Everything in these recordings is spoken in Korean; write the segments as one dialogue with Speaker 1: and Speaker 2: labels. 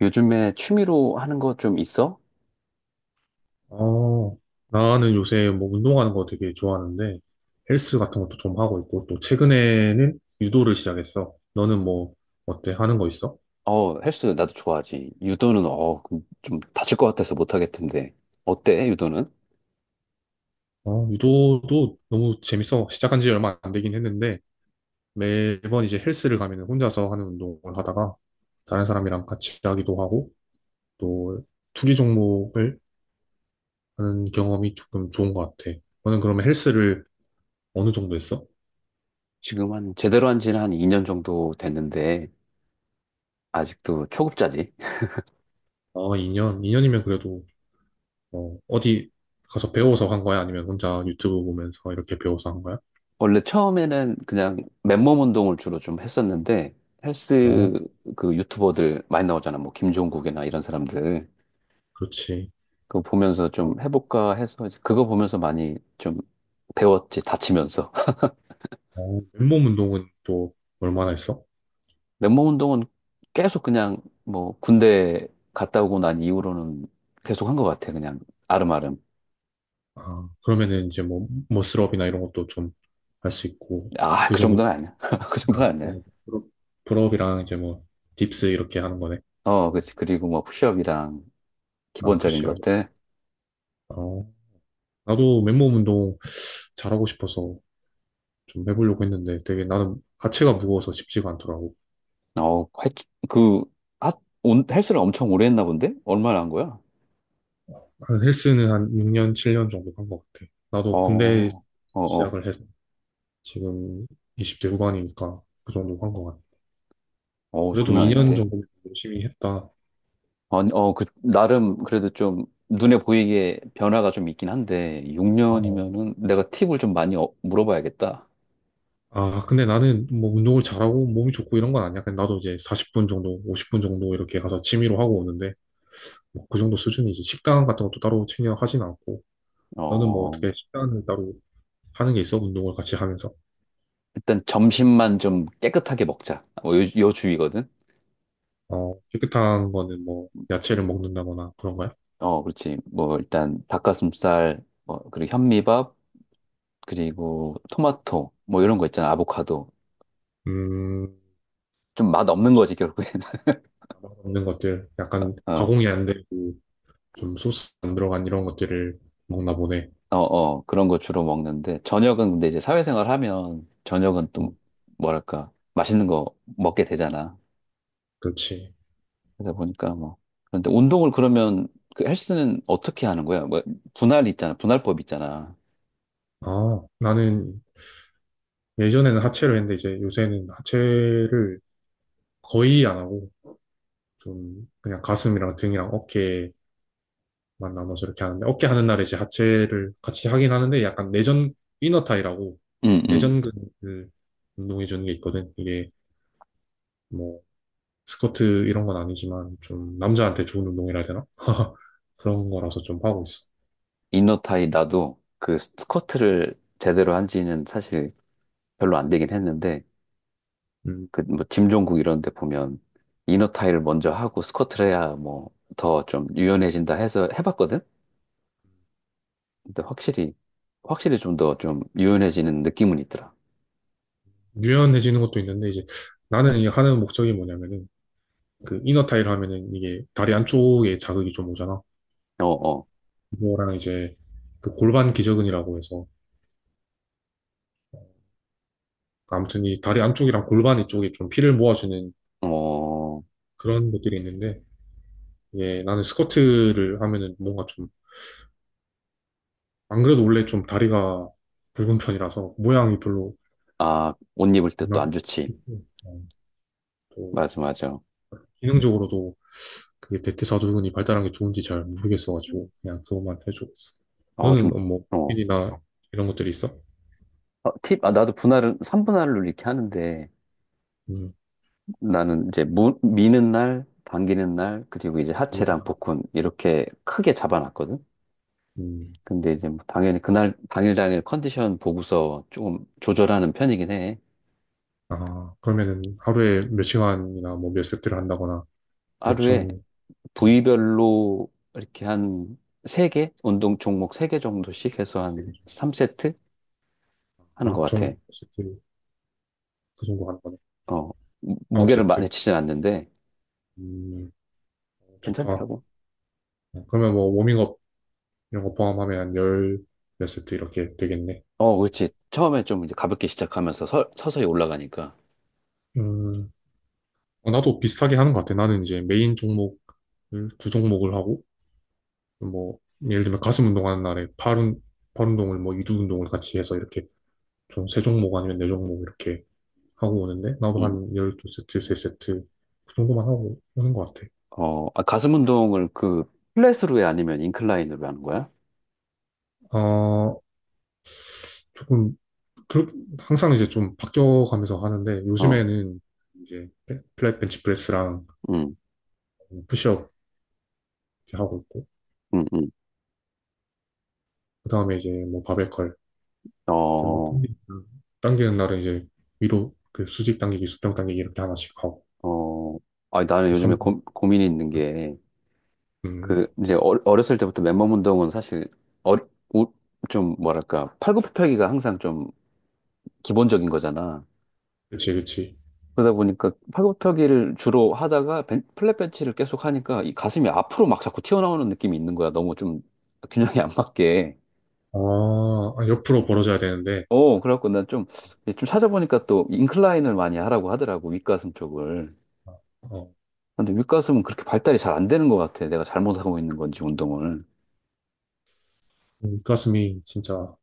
Speaker 1: 요즘에 취미로 하는 거 좀 있어?
Speaker 2: 어, 나는 요새 뭐 운동하는 거 되게 좋아하는데 헬스 같은 것도 좀 하고 있고 또 최근에는 유도를 시작했어. 너는 뭐 어때? 하는 거 있어?
Speaker 1: 어, 헬스 나도 좋아하지. 유도는 좀 다칠 것 같아서 못 하겠던데. 어때, 유도는?
Speaker 2: 어, 유도도 너무 재밌어. 시작한 지 얼마 안 되긴 했는데 매번 이제 헬스를 가면 혼자서 하는 운동을 하다가 다른 사람이랑 같이 하기도 하고 또 투기 종목을 하는 경험이 조금 좋은 것 같아. 너는 그러면 헬스를 어느 정도 했어?
Speaker 1: 지금 한 제대로 한 지는 한 2년 정도 됐는데 아직도 초급자지.
Speaker 2: 어, 2년? 2년이면 그래도 어디 가서 배워서 한 거야? 아니면 혼자 유튜브 보면서 이렇게 배워서 한 거야?
Speaker 1: 원래 처음에는 그냥 맨몸 운동을 주로 좀 했었는데
Speaker 2: 아,
Speaker 1: 헬스, 그 유튜버들 많이 나오잖아. 뭐 김종국이나 이런 사람들.
Speaker 2: 그렇지.
Speaker 1: 그거 보면서
Speaker 2: 아,
Speaker 1: 좀 해볼까 해서 이제 그거 보면서 많이 좀 배웠지, 다치면서.
Speaker 2: 맨몸 운동은 또 얼마나 했어?
Speaker 1: 맨몸 운동은 계속 그냥 뭐 군대 갔다 오고 난 이후로는 계속 한 것 같아. 그냥 아름아름.
Speaker 2: 아, 그러면은 이제 뭐, 머슬업이나 이런 것도 좀 할 수 있고,
Speaker 1: 아,
Speaker 2: 그
Speaker 1: 그
Speaker 2: 정도,
Speaker 1: 정도는 아니야. 그 정도는
Speaker 2: 아, 네.
Speaker 1: 아니야.
Speaker 2: 풀업- 풀업이랑 이제 뭐, 딥스 이렇게 하는 거네.
Speaker 1: 어, 그치. 그리고 뭐 푸시업이랑
Speaker 2: 아,
Speaker 1: 기본적인
Speaker 2: 푸시업.
Speaker 1: 것들.
Speaker 2: 어, 나도 맨몸 운동 잘하고 싶어서 좀 해보려고 했는데 되게 나는 하체가 무거워서 쉽지가 않더라고.
Speaker 1: 어, 할, 그, 하, 온, 헬스를 엄청 오래 했나 본데? 얼마나 한 거야?
Speaker 2: 그래서 헬스는 한 6년, 7년 정도 한 것 같아.
Speaker 1: 어,
Speaker 2: 나도 군대
Speaker 1: 어, 어.
Speaker 2: 시작을 해서 지금 20대 후반이니까 그 정도 한 것 같아.
Speaker 1: 어,
Speaker 2: 그래도
Speaker 1: 장난
Speaker 2: 2년
Speaker 1: 아닌데.
Speaker 2: 정도 열심히 했다.
Speaker 1: 아니, 나름 그래도 좀 눈에 보이게 변화가 좀 있긴 한데,
Speaker 2: 아, 어.
Speaker 1: 6년이면은 내가 팁을 좀 많이 물어봐야겠다.
Speaker 2: 아, 근데 나는 뭐 운동을 잘하고 몸이 좋고 이런 건 아니야. 그냥 나도 이제 40분 정도, 50분 정도 이렇게 가서 취미로 하고 오는데 뭐그 정도 수준이지. 식단 같은 것도 따로 챙겨 하진 않고. 너는 뭐
Speaker 1: 어.
Speaker 2: 어떻게 식단을 따로 하는 게 있어? 운동을 같이 하면서.
Speaker 1: 일단 점심만 좀 깨끗하게 먹자. 뭐 요 주의거든.
Speaker 2: 어, 깨끗한 거는 뭐 야채를 먹는다거나 그런 거야?
Speaker 1: 어, 그렇지. 뭐 일단 닭가슴살, 뭐 그리고 현미밥, 그리고 토마토, 뭐 이런 거 있잖아. 아보카도.
Speaker 2: 음,
Speaker 1: 좀 맛 없는
Speaker 2: 좋지.
Speaker 1: 거지 결국에는.
Speaker 2: 없는 것들, 약간
Speaker 1: 어,
Speaker 2: 가공이 안 되고 좀 소스 안 들어간 이런 것들을 먹나 보네.
Speaker 1: 어 그런 거 주로 먹는데 저녁은 근데 이제 사회생활 하면 저녁은 또
Speaker 2: 음,
Speaker 1: 뭐랄까 맛있는 거 먹게 되잖아.
Speaker 2: 그렇지.
Speaker 1: 그러다 보니까 뭐 그런데 운동을 그러면 그 헬스는 어떻게 하는 거야? 뭐 분할 있잖아. 분할법 있잖아.
Speaker 2: 아, 나는 예전에는 하체를 했는데 이제 요새는 하체를 거의 안 하고 좀 그냥 가슴이랑 등이랑 어깨만 나눠서 이렇게 하는데 어깨 하는 날에 이제 하체를 같이 하긴 하는데 약간 내전 이너타이라고
Speaker 1: 응, 응.
Speaker 2: 내전근을 운동해 주는 게 있거든. 이게 뭐 스쿼트 이런 건 아니지만 좀 남자한테 좋은 운동이라 해야 되나? 그런 거라서 좀 하고 있어.
Speaker 1: 이너타이 나도 그 스쿼트를 제대로 한 지는 사실 별로 안 되긴 했는데
Speaker 2: 음,
Speaker 1: 그 뭐 짐종국 이런 데 보면 이너타이를 먼저 하고 스쿼트를 해야 뭐 더 좀 유연해진다 해서 해봤거든? 근데 확실히 좀 더 좀 유연해지는 느낌은 있더라.
Speaker 2: 유연해지는 것도 있는데 이제 나는 이 하는 목적이 뭐냐면은 그 이너 타일 하면은 이게 다리 안쪽에 자극이 좀 오잖아.
Speaker 1: 어, 어,
Speaker 2: 그거랑 이제 그 골반 기저근이라고 해서 아무튼 이 다리 안쪽이랑 골반 이쪽에 좀 피를 모아주는
Speaker 1: 어,
Speaker 2: 그런 것들이 있는데 이게 나는 스쿼트를 하면은 뭔가 좀 안 그래도 원래 좀 다리가 굵은 편이라서 모양이 별로.
Speaker 1: 아, 옷 입을 때
Speaker 2: 난
Speaker 1: 또 안 좋지.
Speaker 2: 또
Speaker 1: 맞아, 맞아.
Speaker 2: 기능적으로도 그게 대퇴사두근이 발달한 게 좋은지 잘 모르겠어가지고 그냥 그것만 해주고 있어.
Speaker 1: 어, 좀,
Speaker 2: 너는 뭐
Speaker 1: 어.
Speaker 2: 고민이나 이런 것들이 있어?
Speaker 1: 나도 분할은 3분할로 이렇게 하는데,
Speaker 2: 음,
Speaker 1: 나는 이제 미는 날, 당기는 날, 그리고 이제
Speaker 2: 모르
Speaker 1: 하체랑
Speaker 2: 다나
Speaker 1: 복근 이렇게 크게 잡아놨거든.
Speaker 2: 음,
Speaker 1: 근데 이제 뭐 당연히 그날 당일 컨디션 보고서 조금 조절하는 편이긴 해.
Speaker 2: 아 그러면은 하루에 몇 시간이나 뭐 몇 세트를 한다거나
Speaker 1: 하루에
Speaker 2: 대충. 음,
Speaker 1: 부위별로 이렇게 한 세개 운동 종목 세 개 정도씩 해서 한
Speaker 2: 되게 좀-.
Speaker 1: 3세트 하는 것
Speaker 2: 아,
Speaker 1: 같아.
Speaker 2: 총 세트 그 정도 하는 거네.
Speaker 1: 어,
Speaker 2: 아홉
Speaker 1: 무게를 많이
Speaker 2: 세트.
Speaker 1: 치진 않는데
Speaker 2: 음, 좋다.
Speaker 1: 괜찮더라고.
Speaker 2: 어, 그러면 뭐 워밍업 이런 거 포함하면 한 열 몇 세트 이렇게 되겠네.
Speaker 1: 어, 그렇지. 처음에 좀 이제 가볍게 시작하면서 서서히 올라가니까.
Speaker 2: 음. 어, 나도 비슷하게 하는 것 같아. 나는 이제 메인 종목을 두 종목을 하고 뭐 예를 들면 가슴 운동하는 날에 팔 운동을 뭐 이두 운동을 같이 해서 이렇게 좀 세 종목 아니면 네 종목 이렇게 하고 오는데 나도
Speaker 1: 음.
Speaker 2: 한 12세트, 3세트 그 정도만 하고 오는 것 같아.
Speaker 1: 어, 아, 가슴 운동을 그 플랫으로 해 아니면 인클라인으로 하는 거야?
Speaker 2: 어, 조금 그렇, 항상 이제 좀 바뀌어가면서 하는데
Speaker 1: 어,
Speaker 2: 요즘에는 이제 플랫 벤치 프레스랑
Speaker 1: 음,
Speaker 2: 푸시업 이렇게 하고 있고
Speaker 1: 음, 음.
Speaker 2: 그다음에 이제 뭐 바벨컬 이제 뭐
Speaker 1: 어,
Speaker 2: 당기는 날은 이제 위로 그 수직 당기기, 수평 당기기 이렇게 하나씩 하고
Speaker 1: 어. 아, 나는
Speaker 2: 삼.
Speaker 1: 요즘에 고민이 있는 게
Speaker 2: 음,
Speaker 1: 그 이제 어렸을 때부터 맨몸 운동은 사실 어, 우- 좀 뭐랄까 팔굽혀펴기가 항상 좀 기본적인 거잖아.
Speaker 2: 그치, 그치.
Speaker 1: 그러다 보니까 팔굽혀펴기를 주로 하다가 플랫 벤치를 계속 하니까 이 가슴이 앞으로 막 자꾸 튀어나오는 느낌이 있는 거야. 너무 좀 균형이 안 맞게.
Speaker 2: 아, 아, 옆으로 벌어져야 되는데,
Speaker 1: 어, 그래갖고 난 좀, 좀 찾아보니까 또 인클라인을 많이 하라고 하더라고, 윗가슴 쪽을.
Speaker 2: 어,
Speaker 1: 근데 윗가슴은 그렇게 발달이 잘 안 되는 것 같아. 내가 잘못하고 있는 건지, 운동을.
Speaker 2: 그 가슴이 진짜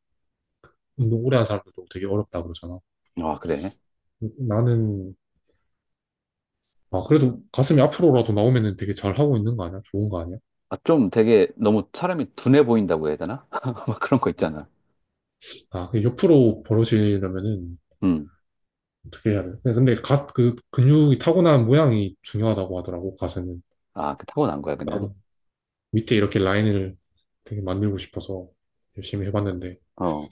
Speaker 2: 운동 오래 한 사람들도 되게 어렵다 그러잖아.
Speaker 1: 아, 그래?
Speaker 2: 나는. 아, 그래도 가슴이 앞으로라도 나오면은 되게 잘 하고 있는 거 아니야? 좋은 거 아니야?
Speaker 1: 아, 좀 되게 너무 사람이 둔해 보인다고 해야 되나? 막 그런 거
Speaker 2: 음,
Speaker 1: 있잖아.
Speaker 2: 아, 그 옆으로 벌어지려면은
Speaker 1: 음.
Speaker 2: 어떻게 해야 돼? 네, 근데 그 근육이 타고난 모양이 중요하다고 하더라고, 가슴은.
Speaker 1: 아, 그 타고난 거야, 그냥.
Speaker 2: 나도 밑에 이렇게 라인을 되게 만들고 싶어서 열심히 해봤는데,
Speaker 1: 어,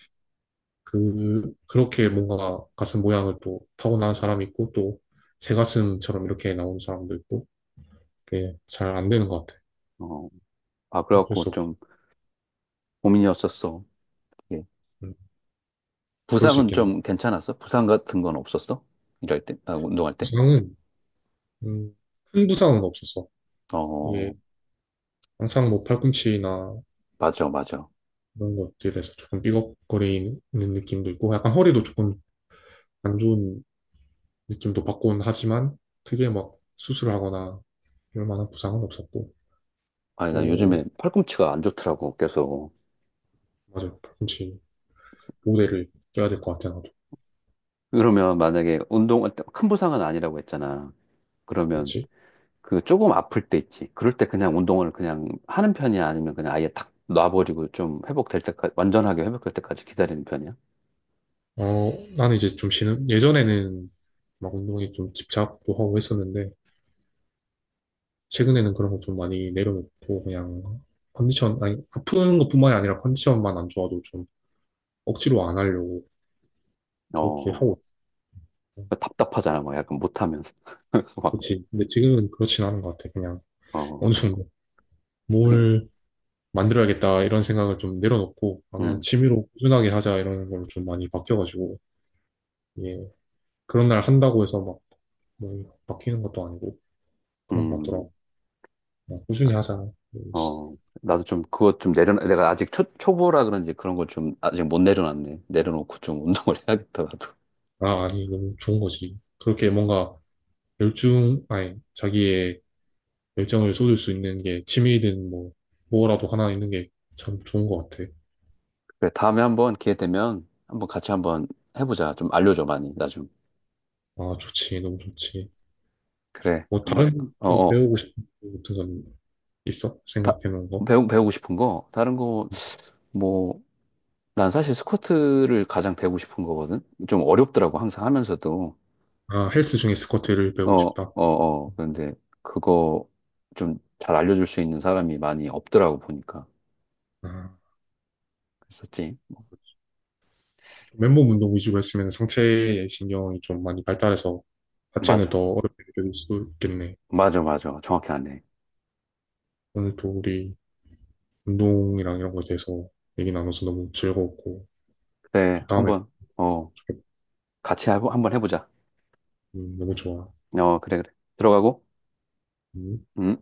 Speaker 2: 그렇게 뭔가 가슴 모양을 또 타고난 사람이 있고, 또, 새 가슴처럼 이렇게 나오는 사람도 있고, 그게 잘 안 되는 것 같아.
Speaker 1: 어. 아,
Speaker 2: 어쩔
Speaker 1: 그래갖고
Speaker 2: 수 없.
Speaker 1: 좀 고민이었었어. 예.
Speaker 2: 음, 그럴 수
Speaker 1: 부상은
Speaker 2: 있겠네.
Speaker 1: 좀 괜찮았어? 부상 같은 건 없었어? 일할 때? 아, 운동할 때?
Speaker 2: 부상은, 음, 큰 부상은 없었어. 이게
Speaker 1: 어,
Speaker 2: 항상 뭐 팔꿈치나
Speaker 1: 맞아, 맞아.
Speaker 2: 이런 것들에서 조금 삐걱거리는 느낌도 있고, 약간 허리도 조금 안 좋은 느낌도 받곤 하지만, 크게 막 수술하거나 이럴 만한 부상은 없었고,
Speaker 1: 아니, 나
Speaker 2: 또,
Speaker 1: 요즘에 팔꿈치가 안 좋더라고, 계속.
Speaker 2: 맞아. 팔꿈치 모대를 껴야 될 것 같아, 나도.
Speaker 1: 그러면 만약에 운동, 큰 부상은 아니라고 했잖아. 그러면
Speaker 2: 그렇지.
Speaker 1: 그 조금 아플 때 있지. 그럴 때 그냥 운동을 그냥 하는 편이야? 아니면 그냥 아예 탁 놔버리고 좀 회복될 때까지, 완전하게 회복될 때까지 기다리는 편이야?
Speaker 2: 어, 나는 이제 좀 쉬는, 예전에는 막 운동에 좀 집착도 하고 했었는데, 최근에는 그런 거 좀 많이 내려놓고, 그냥 컨디션, 아니, 아픈 것뿐만이 아니라 컨디션만 안 좋아도 좀 억지로 안 하려고 그렇게
Speaker 1: 어,
Speaker 2: 하고 있어요.
Speaker 1: 어, 답답하잖아. 막 약간 못하면. 막,
Speaker 2: 그렇지. 근데 지금은 그렇진 않은 것 같아. 그냥 어느
Speaker 1: 어,
Speaker 2: 정도
Speaker 1: 하긴,
Speaker 2: 뭘 만들어야겠다 이런 생각을 좀 내려놓고, 아, 그냥
Speaker 1: 음,
Speaker 2: 취미로 꾸준하게 하자 이런 걸로 좀 많이 바뀌어가지고, 예. 그런 날 한다고 해서 막, 뭐 바뀌는 것도 아니고, 그런 것
Speaker 1: 음,
Speaker 2: 같더라고. 그냥 꾸준히 하자. 음.
Speaker 1: 어. 나도 좀 그거 좀 내려놔. 내가 아직 초보라 그런지 그런 걸 좀 아직 못 내려놨네. 내려놓고 좀 운동을 해야겠다, 나도.
Speaker 2: 아, 아니, 너무 좋은 거지. 그렇게 뭔가 열중, 아니, 자기의 열정을 쏟을 수 있는 게 취미든 뭐, 뭐라도 하나 있는 게 참 좋은 것 같아.
Speaker 1: 그래, 다음에 한번 기회 되면 한번 같이 한번 해보자. 좀 알려줘, 많이. 나 좀.
Speaker 2: 아, 좋지. 너무 좋지.
Speaker 1: 그래.
Speaker 2: 뭐,
Speaker 1: 한번,
Speaker 2: 다른 또
Speaker 1: 어어.
Speaker 2: 배우고 싶은 거 같은 건 있어?
Speaker 1: 다,
Speaker 2: 생각해 놓은 거?
Speaker 1: 배우고 싶은 거? 다른 거, 뭐, 난 사실 스쿼트를 가장 배우고 싶은 거거든? 좀 어렵더라고, 항상 하면서도.
Speaker 2: 아, 헬스 중에 스쿼트를
Speaker 1: 어,
Speaker 2: 배우고
Speaker 1: 어,
Speaker 2: 싶다.
Speaker 1: 어. 그런데 그거 좀 잘 알려줄 수 있는 사람이 많이 없더라고, 보니까.
Speaker 2: 아,
Speaker 1: 그랬었지.
Speaker 2: 그렇지. 맨몸 운동 위주로 했으면 상체의 신경이 좀 많이 발달해서 하체는
Speaker 1: 맞아.
Speaker 2: 더 어렵게 느껴질 수도 있겠네.
Speaker 1: 맞아. 정확히 아네.
Speaker 2: 오늘 또 우리 운동이랑 이런 거에 대해서 얘기 나눠서 너무 즐거웠고,
Speaker 1: 그래,
Speaker 2: 또 다음에.
Speaker 1: 한번, 어, 한번 해보자.
Speaker 2: 너무 좋아.
Speaker 1: 어, 그래, 그래. 들어가고.
Speaker 2: 음.
Speaker 1: 음.